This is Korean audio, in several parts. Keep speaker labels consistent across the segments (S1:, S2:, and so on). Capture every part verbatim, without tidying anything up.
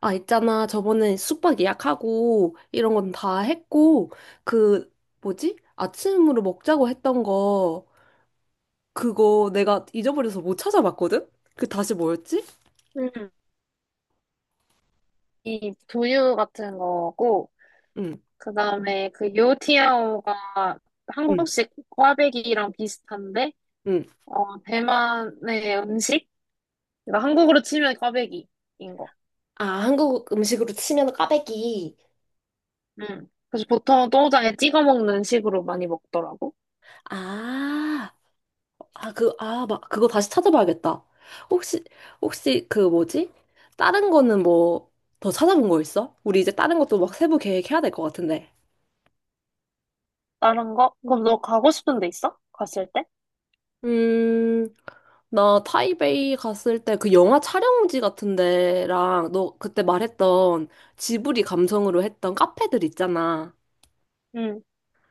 S1: 아, 있잖아. 저번에 숙박 예약하고 이런 건 다 했고, 그, 뭐지? 아침으로 먹자고 했던 거, 그거 내가 잊어버려서 못 찾아봤거든? 그 다시 뭐였지?
S2: 음, 이 두유 같은 거고,
S1: 응,
S2: 그 다음에 그 요티아오가
S1: 응,
S2: 한국식 꽈배기랑 비슷한데,
S1: 응.
S2: 어, 대만의 음식? 그러니까 한국으로 치면 꽈배기인 거.
S1: 아, 한국 음식으로 치면 꽈배기.
S2: 음. 그래서 보통도 똥장에 찍어 먹는 식으로 많이 먹더라고.
S1: 아, 아, 그, 아, 막, 그거 다시 찾아봐야겠다. 혹시, 혹시 그 뭐지? 다른 거는 뭐, 더 찾아본 거 있어? 우리 이제 다른 것도 막 세부 계획해야 될 것 같은데.
S2: 다른 거? 그럼 너 가고 싶은 데 있어? 갔을 때?
S1: 음, 나 타이베이 갔을 때 그 영화 촬영지 같은 데랑 너 그때 말했던 지브리 감성으로 했던 카페들 있잖아.
S2: 응.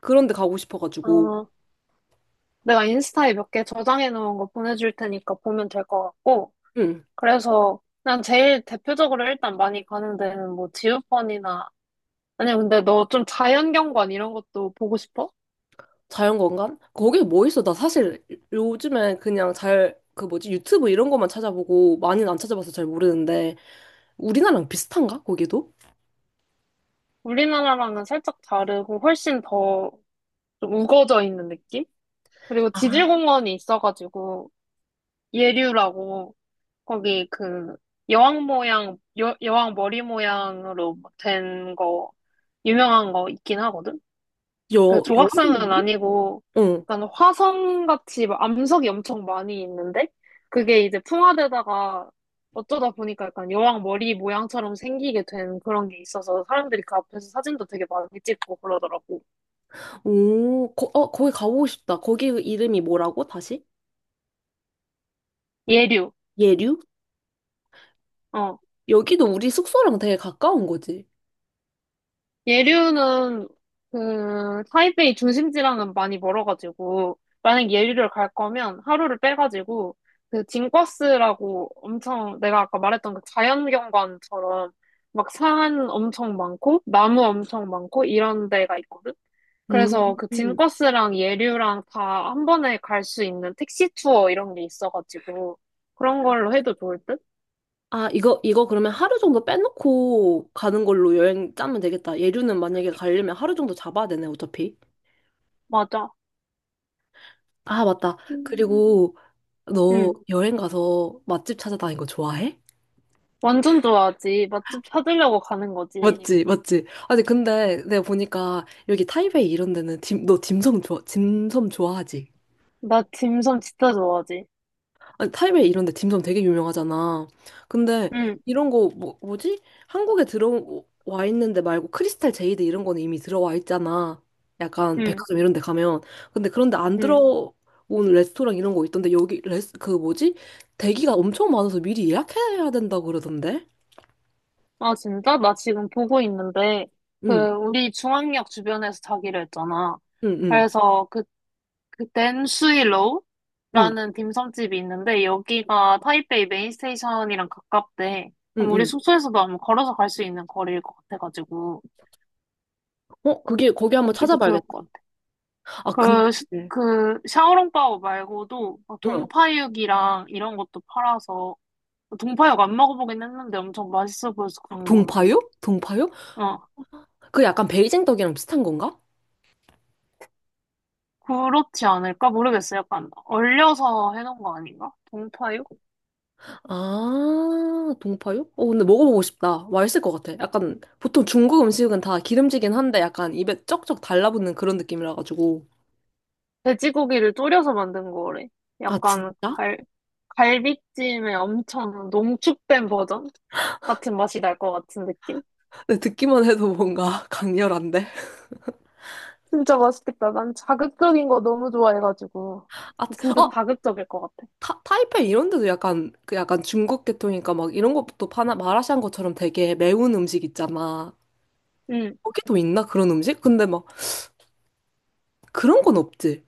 S1: 그런 데 가고 싶어가지고.
S2: 어, 내가 인스타에 몇 개 저장해 놓은 거 보내줄 테니까 보면 될 것 같고,
S1: 응.
S2: 그래서 그냥 제일 대표적으로 일단 많이 가는 데는 뭐 지우펀이나 아니, 근데 너 좀 자연경관 이런 것도 보고 싶어?
S1: 자연관광? 거기 뭐 있어? 나 사실 요즘에 그냥 잘 그 뭐지 유튜브 이런 것만 찾아보고 많이는 안 찾아봐서 잘 모르는데 우리나라랑 비슷한가? 거기도?
S2: 우리나라랑은 살짝 다르고 훨씬 더 좀 우거져 있는 느낌? 그리고
S1: 아,
S2: 지질공원이 있어가지고 예류라고 거기 그 여왕 모양, 여, 여왕 머리 모양으로 된 거, 유명한 거 있긴 하거든? 그
S1: 여,
S2: 조각상은
S1: 여왕놀이?
S2: 아니고
S1: 응.
S2: 약간 화성같이 막 암석이 엄청 많이 있는데 그게 이제 풍화되다가 어쩌다 보니까 약간 여왕 머리 모양처럼 생기게 된 그런 게 있어서 사람들이 그 앞에서 사진도 되게 많이 찍고 그러더라고.
S1: 오, 거, 어, 거기 가보고 싶다. 거기 이름이 뭐라고? 다시?
S2: 예류.
S1: 예류?
S2: 어.
S1: 여기도 우리 숙소랑 되게 가까운 거지.
S2: 예류는 그 타이베이 중심지랑은 많이 멀어가지고 만약 예류를 갈 거면 하루를 빼가지고 그 징과스라고 엄청 내가 아까 말했던 그 자연경관처럼 막 산 엄청 많고 나무 엄청 많고 이런 데가 있거든.
S1: 음.
S2: 그래서 그 징과스랑 예류랑 다 한 번에 갈 수 있는 택시 투어 이런 게 있어가지고 그런 걸로 해도 좋을 듯?
S1: 아, 이거, 이거 그러면 하루 정도 빼놓고 가는 걸로 여행 짜면 되겠다. 예류는 만약에 가려면 하루 정도 잡아야 되네, 어차피.
S2: 맞아.
S1: 아, 맞다.
S2: 음,
S1: 그리고 너
S2: 음.
S1: 여행 가서 맛집 찾아다니는 거 좋아해?
S2: 완전 좋아하지. 맛집 찾으려고 가는 거지.
S1: 맞지, 맞지. 아니, 근데 내가 보니까 여기 타이베이 이런 데는 딤, 너 딤섬 좋아, 딤섬 좋아하지?
S2: 나 딤섬 진짜 좋아하지.
S1: 아니, 타이베이 이런 데 딤섬 되게 유명하잖아. 근데
S2: 응,
S1: 이런 거 뭐, 뭐지? 한국에 들어와 있는데 말고 크리스탈 제이드 이런 거는 이미 들어와 있잖아. 약간
S2: 응,
S1: 백화점 이런 데 가면. 근데 그런데 안
S2: 응.
S1: 들어온 레스토랑 이런 거 있던데 여기 레스 그 뭐지? 대기가 엄청 많아서 미리 예약해야 된다고 그러던데.
S2: 아, 진짜? 나 지금 보고 있는데, 그,
S1: 응.
S2: 우리 중앙역 주변에서 자기로 했잖아.
S1: 응, 응.
S2: 그래서 그, 그,
S1: 응.
S2: 댄수이로우라는 딤섬집이 있는데, 여기가 타이베이 메인스테이션이랑 가깝대.
S1: 응,
S2: 그럼 우리
S1: 응.
S2: 숙소에서도 아마 걸어서 갈 수 있는 거리일 것 같아가지고,
S1: 어, 그게 거기 한번
S2: 여기도 좋을
S1: 찾아봐야겠다.
S2: 것
S1: 아, 근데
S2: 같아. 그, 시-
S1: 응.
S2: 그, 샤오롱바오 말고도, 막 동파육이랑 이런 것도 팔아서, 동파육 안 먹어보긴 했는데 엄청 맛있어 보여서 궁금해.
S1: 동파육? 동파육?
S2: 어,
S1: 그 약간 베이징 떡이랑 비슷한 건가?
S2: 그렇지 않을까? 모르겠어. 약간 얼려서 해놓은 거 아닌가? 동파육?
S1: 아, 동파육? 어, 근데 먹어보고 싶다. 맛있을 것 같아. 약간, 보통 중국 음식은 다 기름지긴 한데 약간 입에 쩍쩍 달라붙는 그런 느낌이라가지고.
S2: 돼지고기를 졸여서 만든 거래.
S1: 아,
S2: 약간
S1: 진짜?
S2: 갈, 갈비찜의 엄청 농축된 버전? 같은 맛이 날 것 같은 느낌?
S1: 근데 듣기만 해도 뭔가 강렬한데?
S2: 진짜 맛있겠다. 난 자극적인 거 너무 좋아해가지고.
S1: 아,
S2: 진짜
S1: 어,
S2: 자극적일 것 같아.
S1: 타, 타이페이 이런 데도 약간, 그 약간 중국 계통이니까 막 이런 것도 파나, 마라샹궈 것처럼 되게 매운 음식 있잖아.
S2: 응,
S1: 거기도 있나? 그런 음식? 근데 막 그런 건 없지.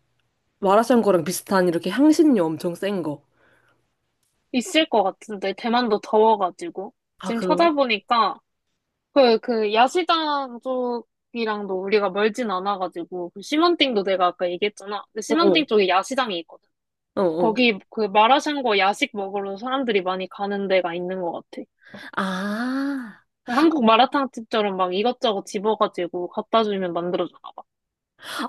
S1: 마라샹궈랑 비슷한 이렇게 향신료 엄청 센 거.
S2: 있을 것 같은데. 대만도 더워가지고.
S1: 아,
S2: 지금
S1: 그런가?
S2: 찾아보니까 그, 그, 야시장 쪽이랑도 우리가 멀진 않아가지고, 그 시먼띵도 내가 아까 얘기했잖아. 근데 시먼띵
S1: 어어,
S2: 쪽에 야시장이 있거든.
S1: 어어.
S2: 거기 그 마라샹궈 야식 먹으러 사람들이 많이 가는 데가 있는 것 같아.
S1: 아.
S2: 한국 마라탕 집처럼 막 이것저것 집어가지고 갖다 주면 만들어주나 봐.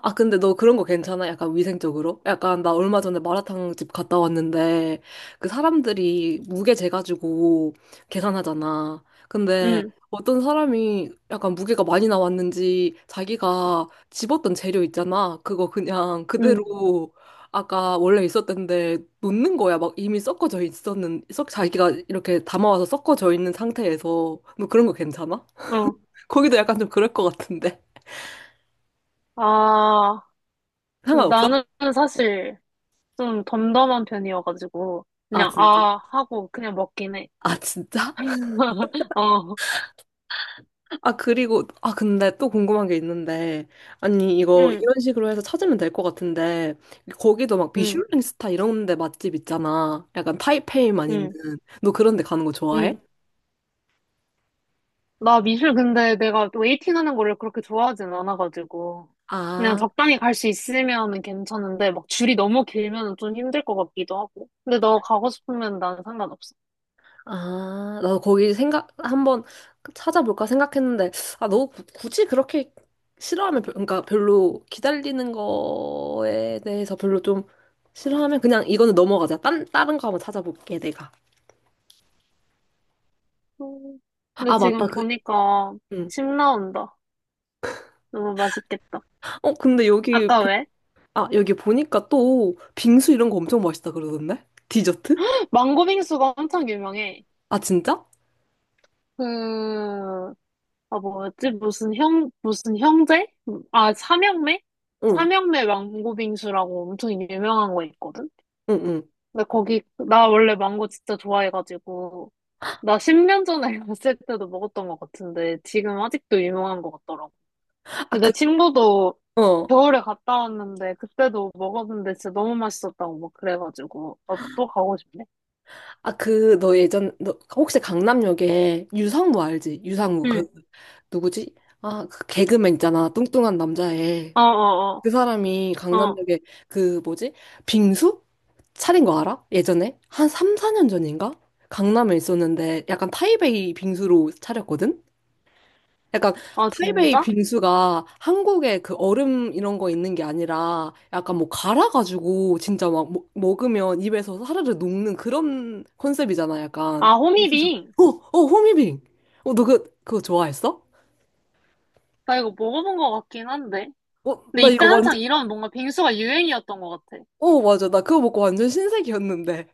S1: 아, 근데 너 그런 거 괜찮아? 약간 위생적으로? 약간 나 얼마 전에 마라탕 집 갔다 왔는데 그 사람들이 무게 재가지고 계산하잖아. 근데
S2: 응,
S1: 어떤 사람이 약간 무게가 많이 나왔는지 자기가 집었던 재료 있잖아. 그거 그냥
S2: 응,
S1: 그대로 아까 원래 있었던데 놓는 거야. 막 이미 섞어져 있었는, 섞, 자기가 이렇게 담아와서 섞어져 있는 상태에서 너 그런 거 괜찮아?
S2: 어.
S1: 거기도 약간 좀 그럴 것 같은데.
S2: 아, 근데
S1: 상관없어?
S2: 나는 사실 좀 덤덤한 편이어가지고,
S1: 아,
S2: 그냥
S1: 진짜?
S2: 아 하고 그냥 먹긴 해.
S1: 아, 진짜?
S2: 어,
S1: 아, 그리고, 아, 근데 또 궁금한 게 있는데, 아니, 이거
S2: 응,
S1: 이런 식으로 해서 찾으면 될 것 같은데, 거기도 막
S2: 응,
S1: 미슐랭 스타 이런 데 맛집 있잖아. 약간 타이페이만 있는.
S2: 응,
S1: 너 그런 데 가는 거
S2: 응.
S1: 좋아해?
S2: 나 미술 근데 내가 웨이팅 하는 거를 그렇게 좋아하진 않아가지고. 그냥
S1: 아,
S2: 적당히 갈 수 있으면은 괜찮은데, 막 줄이 너무 길면은 좀 힘들 것 같기도 하고. 근데 너 가고 싶으면 난 상관없어.
S1: 아, 나도 거기 생각, 한번 찾아볼까 생각했는데, 아, 너 구- 굳이 그렇게 싫어하면, 별- 그러니까 별로 기다리는 거에 대해서 별로 좀 싫어하면 그냥 이거는 넘어가자. 딴, 다른 거 한번 찾아볼게, 내가.
S2: 음, 근데
S1: 아, 맞다.
S2: 지금
S1: 그,
S2: 보니까
S1: 응.
S2: 침 나온다. 너무 맛있겠다.
S1: 어, 근데 여기
S2: 아까 왜?
S1: 아, 여기 보니까 또 빙수 이런 거 엄청 맛있다 그러던데? 디저트?
S2: 망고 빙수가 엄청 유명해.
S1: 아, 진짜?
S2: 그, 아, 뭐였지? 무슨 형, 무슨 형제? 아, 삼형매?
S1: 응,
S2: 삼형매 망고 빙수라고 엄청 유명한 거 있거든?
S1: 응, 응.
S2: 근데 거기, 나 원래 망고 진짜 좋아해가지고, 나 십 년 전에 갔을 때도 먹었던 것 같은데, 지금 아직도 유명한 것 같더라고.
S1: 아,
S2: 근데 내
S1: 그,
S2: 친구도
S1: 어.
S2: 겨울에 갔다 왔는데, 그때도 먹었는데 진짜 너무 맛있었다고 막 그래가지고, 나도 또 가고 싶네.
S1: 아, 그, 너 예전, 너 혹시 강남역에 유상무 알지? 유상무,
S2: 응,
S1: 그, 누구지? 아, 그 개그맨 있잖아. 뚱뚱한 남자애.
S2: 어어어,
S1: 그 사람이
S2: 어, 어, 어.
S1: 강남역에 그, 뭐지? 빙수? 차린 거 알아? 예전에? 한 삼, 사 년 전인가? 강남에 있었는데 약간 타이베이 빙수로 차렸거든? 약간
S2: 아,
S1: 타이베이
S2: 진짜?
S1: 빙수가 한국에 그 얼음 이런 거 있는 게 아니라 약간 뭐 갈아가지고 진짜 막 먹- 먹으면 입에서 사르르 녹는 그런 컨셉이잖아 약간
S2: 아,
S1: 빙수죠.
S2: 호미빙.
S1: 어, 어, 호미빙. 어, 너 그, 그거 좋아했어?
S2: 나 이거 먹어본 것 같긴 한데.
S1: 어,
S2: 근데
S1: 나
S2: 이때
S1: 이거 완전,
S2: 한창 이런 뭔가 빙수가 유행이었던 것 같아.
S1: 어, 맞아. 나 그거 먹고 완전 신세계였는데.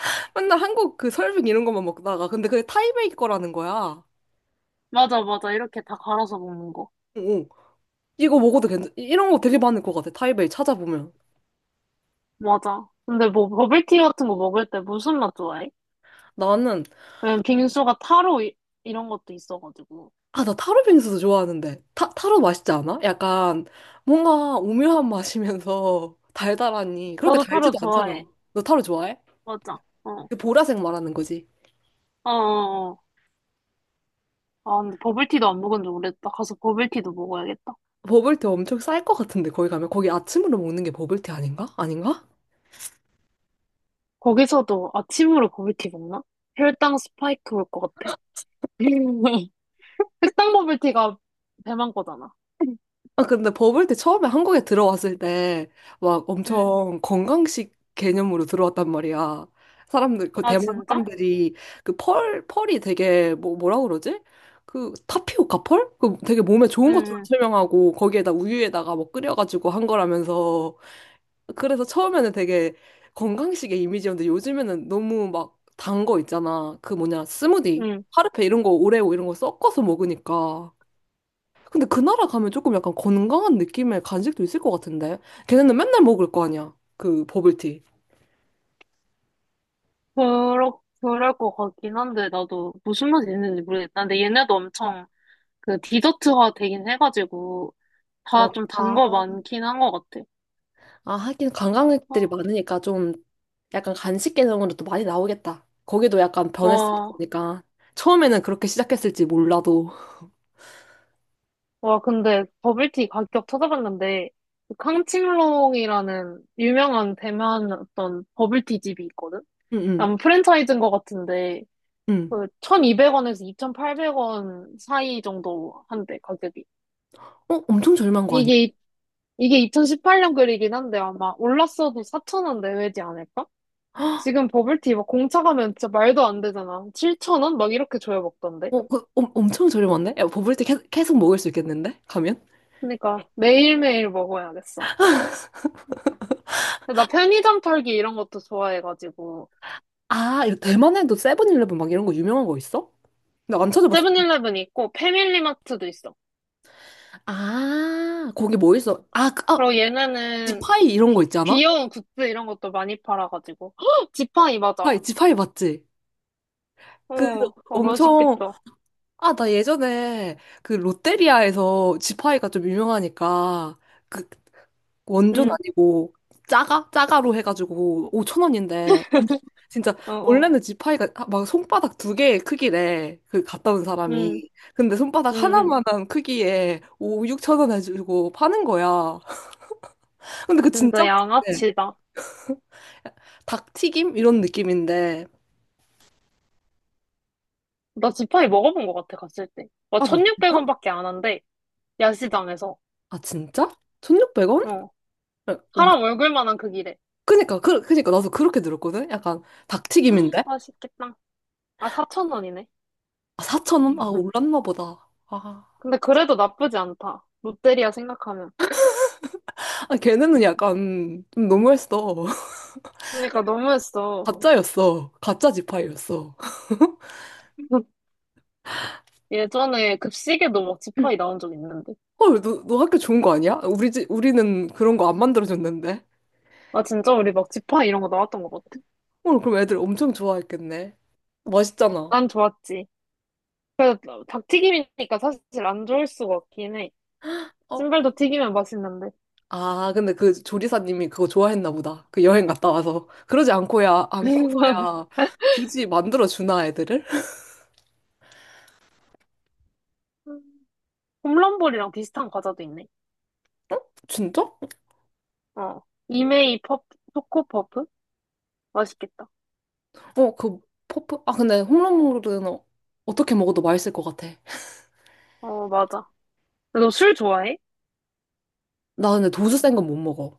S1: 맨날 한국 그 설빙 이런 것만 먹다가. 근데 그게 타이베이 거라는 거야. 어,
S2: 맞아, 맞아. 이렇게 다 갈아서 먹는 거.
S1: 어. 이거 먹어도 괜찮, 이런 거 되게 많을 것 같아. 타이베이 찾아보면.
S2: 맞아. 근데 뭐 버블티 같은 거 먹을 때 무슨 맛 좋아해?
S1: 나는
S2: 왜냐면 빙수가 타로 이, 런 것도 있어가지고.
S1: 아, 나 타로 빙수도 좋아하는데. 타, 타로 맛있지 않아? 약간 뭔가 오묘한 맛이면서 달달하니. 그렇게
S2: 나도 타로
S1: 달지도 않잖아.
S2: 좋아해.
S1: 너 타로 좋아해?
S2: 맞아. 어.
S1: 그 보라색 말하는 거지.
S2: 어, 어, 어. 아, 근데 버블티도 안 먹은 지 오래됐다. 가서 버블티도 먹어야겠다.
S1: 버블티 엄청 쌀 것 같은데, 거기 가면. 거기 아침으로 먹는 게 버블티 아닌가? 아닌가?
S2: 거기서도 아침으로 버블티 먹나? 혈당 스파이크 올 것 같아. 흑당 버블티가 배만 거잖아.
S1: 아, 근데 버블 때 처음에 한국에 들어왔을 때 막
S2: 응.
S1: 엄청 건강식 개념으로 들어왔단 말이야. 사람들, 그
S2: 아,
S1: 대만
S2: 진짜?
S1: 사람들이 그 펄, 펄이 되게 뭐, 뭐라 그러지? 그 타피오카 펄? 그 되게 몸에 좋은 것처럼
S2: 응,
S1: 설명하고 거기에다 우유에다가 뭐 끓여가지고 한 거라면서. 그래서 처음에는 되게 건강식의 이미지였는데 요즘에는 너무 막 단 거 있잖아. 그 뭐냐,
S2: 응.
S1: 스무디,
S2: 응.
S1: 파르페 이런 거, 오레오 이런 거 섞어서 먹으니까. 근데 그 나라 가면 조금 약간 건강한 느낌의 간식도 있을 것 같은데. 걔네는 맨날 먹을 거 아니야. 그 버블티.
S2: 그럴, 그럴 것 같긴 한데, 나도 무슨 맛이 있는지 모르겠다. 근데 얘네도 엄청 그 디저트화 되긴 해가지고, 다
S1: 맞-
S2: 좀 단
S1: 다
S2: 거 많긴 한 것 같아.
S1: 아, 하긴
S2: 아,
S1: 관광객들이 많으니까 좀 약간 간식 개념으로 또 많이 나오겠다. 거기도 약간
S2: 와,
S1: 변했으니까. 처음에는 그렇게 시작했을지 몰라도.
S2: 와, 근데 버블티 가격 찾아봤는데, 그 캉칭롱이라는 유명한 대만 어떤 버블티 집이 있거든?
S1: 응, 응,
S2: 아마 프랜차이즈인 것 같은데,
S1: 응.
S2: 그 천이백 원에서 이천팔백 원 사이 정도 한대, 가격이.
S1: 어, 엄청 저렴한 거 아니야?
S2: 이게, 이게 이천십팔 년 글이긴 한데, 아마 올랐어도 사천 원 내외지 않을까? 지금 버블티 막 공차 가면 진짜 말도 안 되잖아. 칠천 원? 막 이렇게 줘야 먹던데?
S1: 어, 그, 엄 엄청 저렴한데? 야, 버블티 계- 계속 먹을 수 있겠는데? 가면?
S2: 그러니까 매일매일 먹어야겠어. 나 편의점 털기 이런 것도 좋아해가지고
S1: 아, 이거 대만에도 세븐일레븐 막 이런 거 유명한 거 있어? 나 안 찾아봤어.
S2: 세븐일레븐 있고 패밀리마트도 있어.
S1: 아, 거기 뭐 있어? 아, 그- 아,
S2: 그리고 얘네는
S1: 지파이 이런 거 있잖아?
S2: 귀여운 굿즈 이런 것도 많이 팔아가지고 헉! 지팡이 맞아.
S1: 파이, 지파이 맞지?
S2: 어,
S1: 그
S2: 어
S1: 엄청,
S2: 맛있겠다.
S1: 아, 나 예전에 그 롯데리아에서 지파이가 좀 유명하니까 그 원조는
S2: 응,
S1: 아니고 짜가? 짜가로 해가지고 오천 원인데 진짜
S2: 어, 어,
S1: 원래는 지파이가 막 손바닥 두 개의 크기래. 그 갔다 온
S2: 응,
S1: 사람이. 근데 손바닥
S2: 응, 응.
S1: 하나만한 크기에 오, 육천 원 해주고 파는 거야. 근데 그 진짜
S2: 진짜
S1: 맛있대.
S2: 양아치다.
S1: 닭튀김? 이런 느낌인데.
S2: 나 지팡이 먹어본 것 같아 갔을 때. 막
S1: 아, 너 진짜?
S2: 천육백 원밖에 안 한대 야시장에서.
S1: 아, 진짜? 천육백 원?
S2: 어,
S1: 엄-
S2: 사람 얼굴만한 그 길에.
S1: 그니까, 그, 그니까, 나도 그렇게 들었거든? 약간,
S2: 헉,
S1: 닭튀김인데?
S2: 맛있겠다. 아 사천 원이네.
S1: 아, 사천 원 아, 올랐나 보다. 아,
S2: 근데 그래도 나쁘지 않다. 롯데리아 생각하면.
S1: 아, 걔네는 약간, 좀 너무했어.
S2: 그러니까 너무했어.
S1: 가짜였어. 가짜 지파이였어.
S2: 예전에 급식에도 먹지파이 나온 적 있는데.
S1: 헐, 너, 너 학교 좋은 거 아니야? 우리 집, 우리는 그런 거 안 만들어줬는데?
S2: 아, 진짜 우리 먹지파이 이런 거 나왔던 것 같아.
S1: 헐, 그럼 애들 엄청 좋아했겠네. 맛있잖아.
S2: 난 좋았지. 어, 닭튀김이니까 사실 안 좋을 수가 없긴 해.
S1: 어?
S2: 신발도 튀기면 맛있는데.
S1: 아, 근데 그 조리사님이 그거 좋아했나 보다. 그 여행 갔다 와서. 그러지 않고야, 않고서야, 굳이 만들어주나, 애들을?
S2: 홈런볼이랑 비슷한 과자도 있네.
S1: 진짜?
S2: 어. 이메이 퍼프, 초코퍼프? 맛있겠다.
S1: 어, 그 퍼프 아 근데 홈런볼은 어, 어떻게 먹어도 맛있을 것 같아.
S2: 어, 맞아. 너 술 좋아해?
S1: 나 근데 도수 센 건 못 먹어.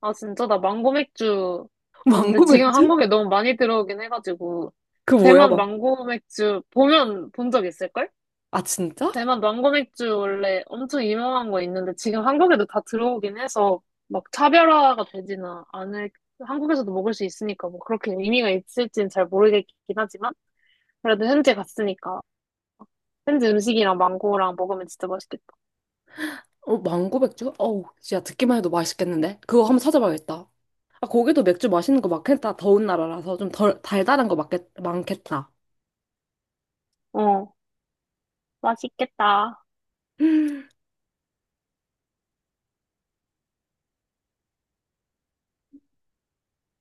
S2: 아, 진짜? 나 망고 맥주. 근데
S1: 망고
S2: 지금
S1: 맥주?
S2: 한국에 너무 많이 들어오긴 해가지고.
S1: 그 뭐야
S2: 대만
S1: 막.
S2: 망고 맥주 보면 본 적 있을걸?
S1: 아 진짜?
S2: 대만 망고 맥주 원래 엄청 유명한 거 있는데 지금 한국에도 다 들어오긴 해서 막 차별화가 되지는 않을 한국에서도 먹을 수 있으니까 뭐 그렇게 의미가 있을지는 잘 모르겠긴 하지만 그래도 현지 갔으니까 현지 음식이랑 망고랑 먹으면 진짜 맛있겠다.
S1: 어 망고 맥주? 어우 진짜 듣기만 해도 맛있겠는데? 그거 한번 찾아봐야겠다. 아 거기도 맥주 마시는 거 많겠다. 더운 나라라서 좀 덜 달달한 거 많겠, 많겠다.
S2: 어, 맛있겠다.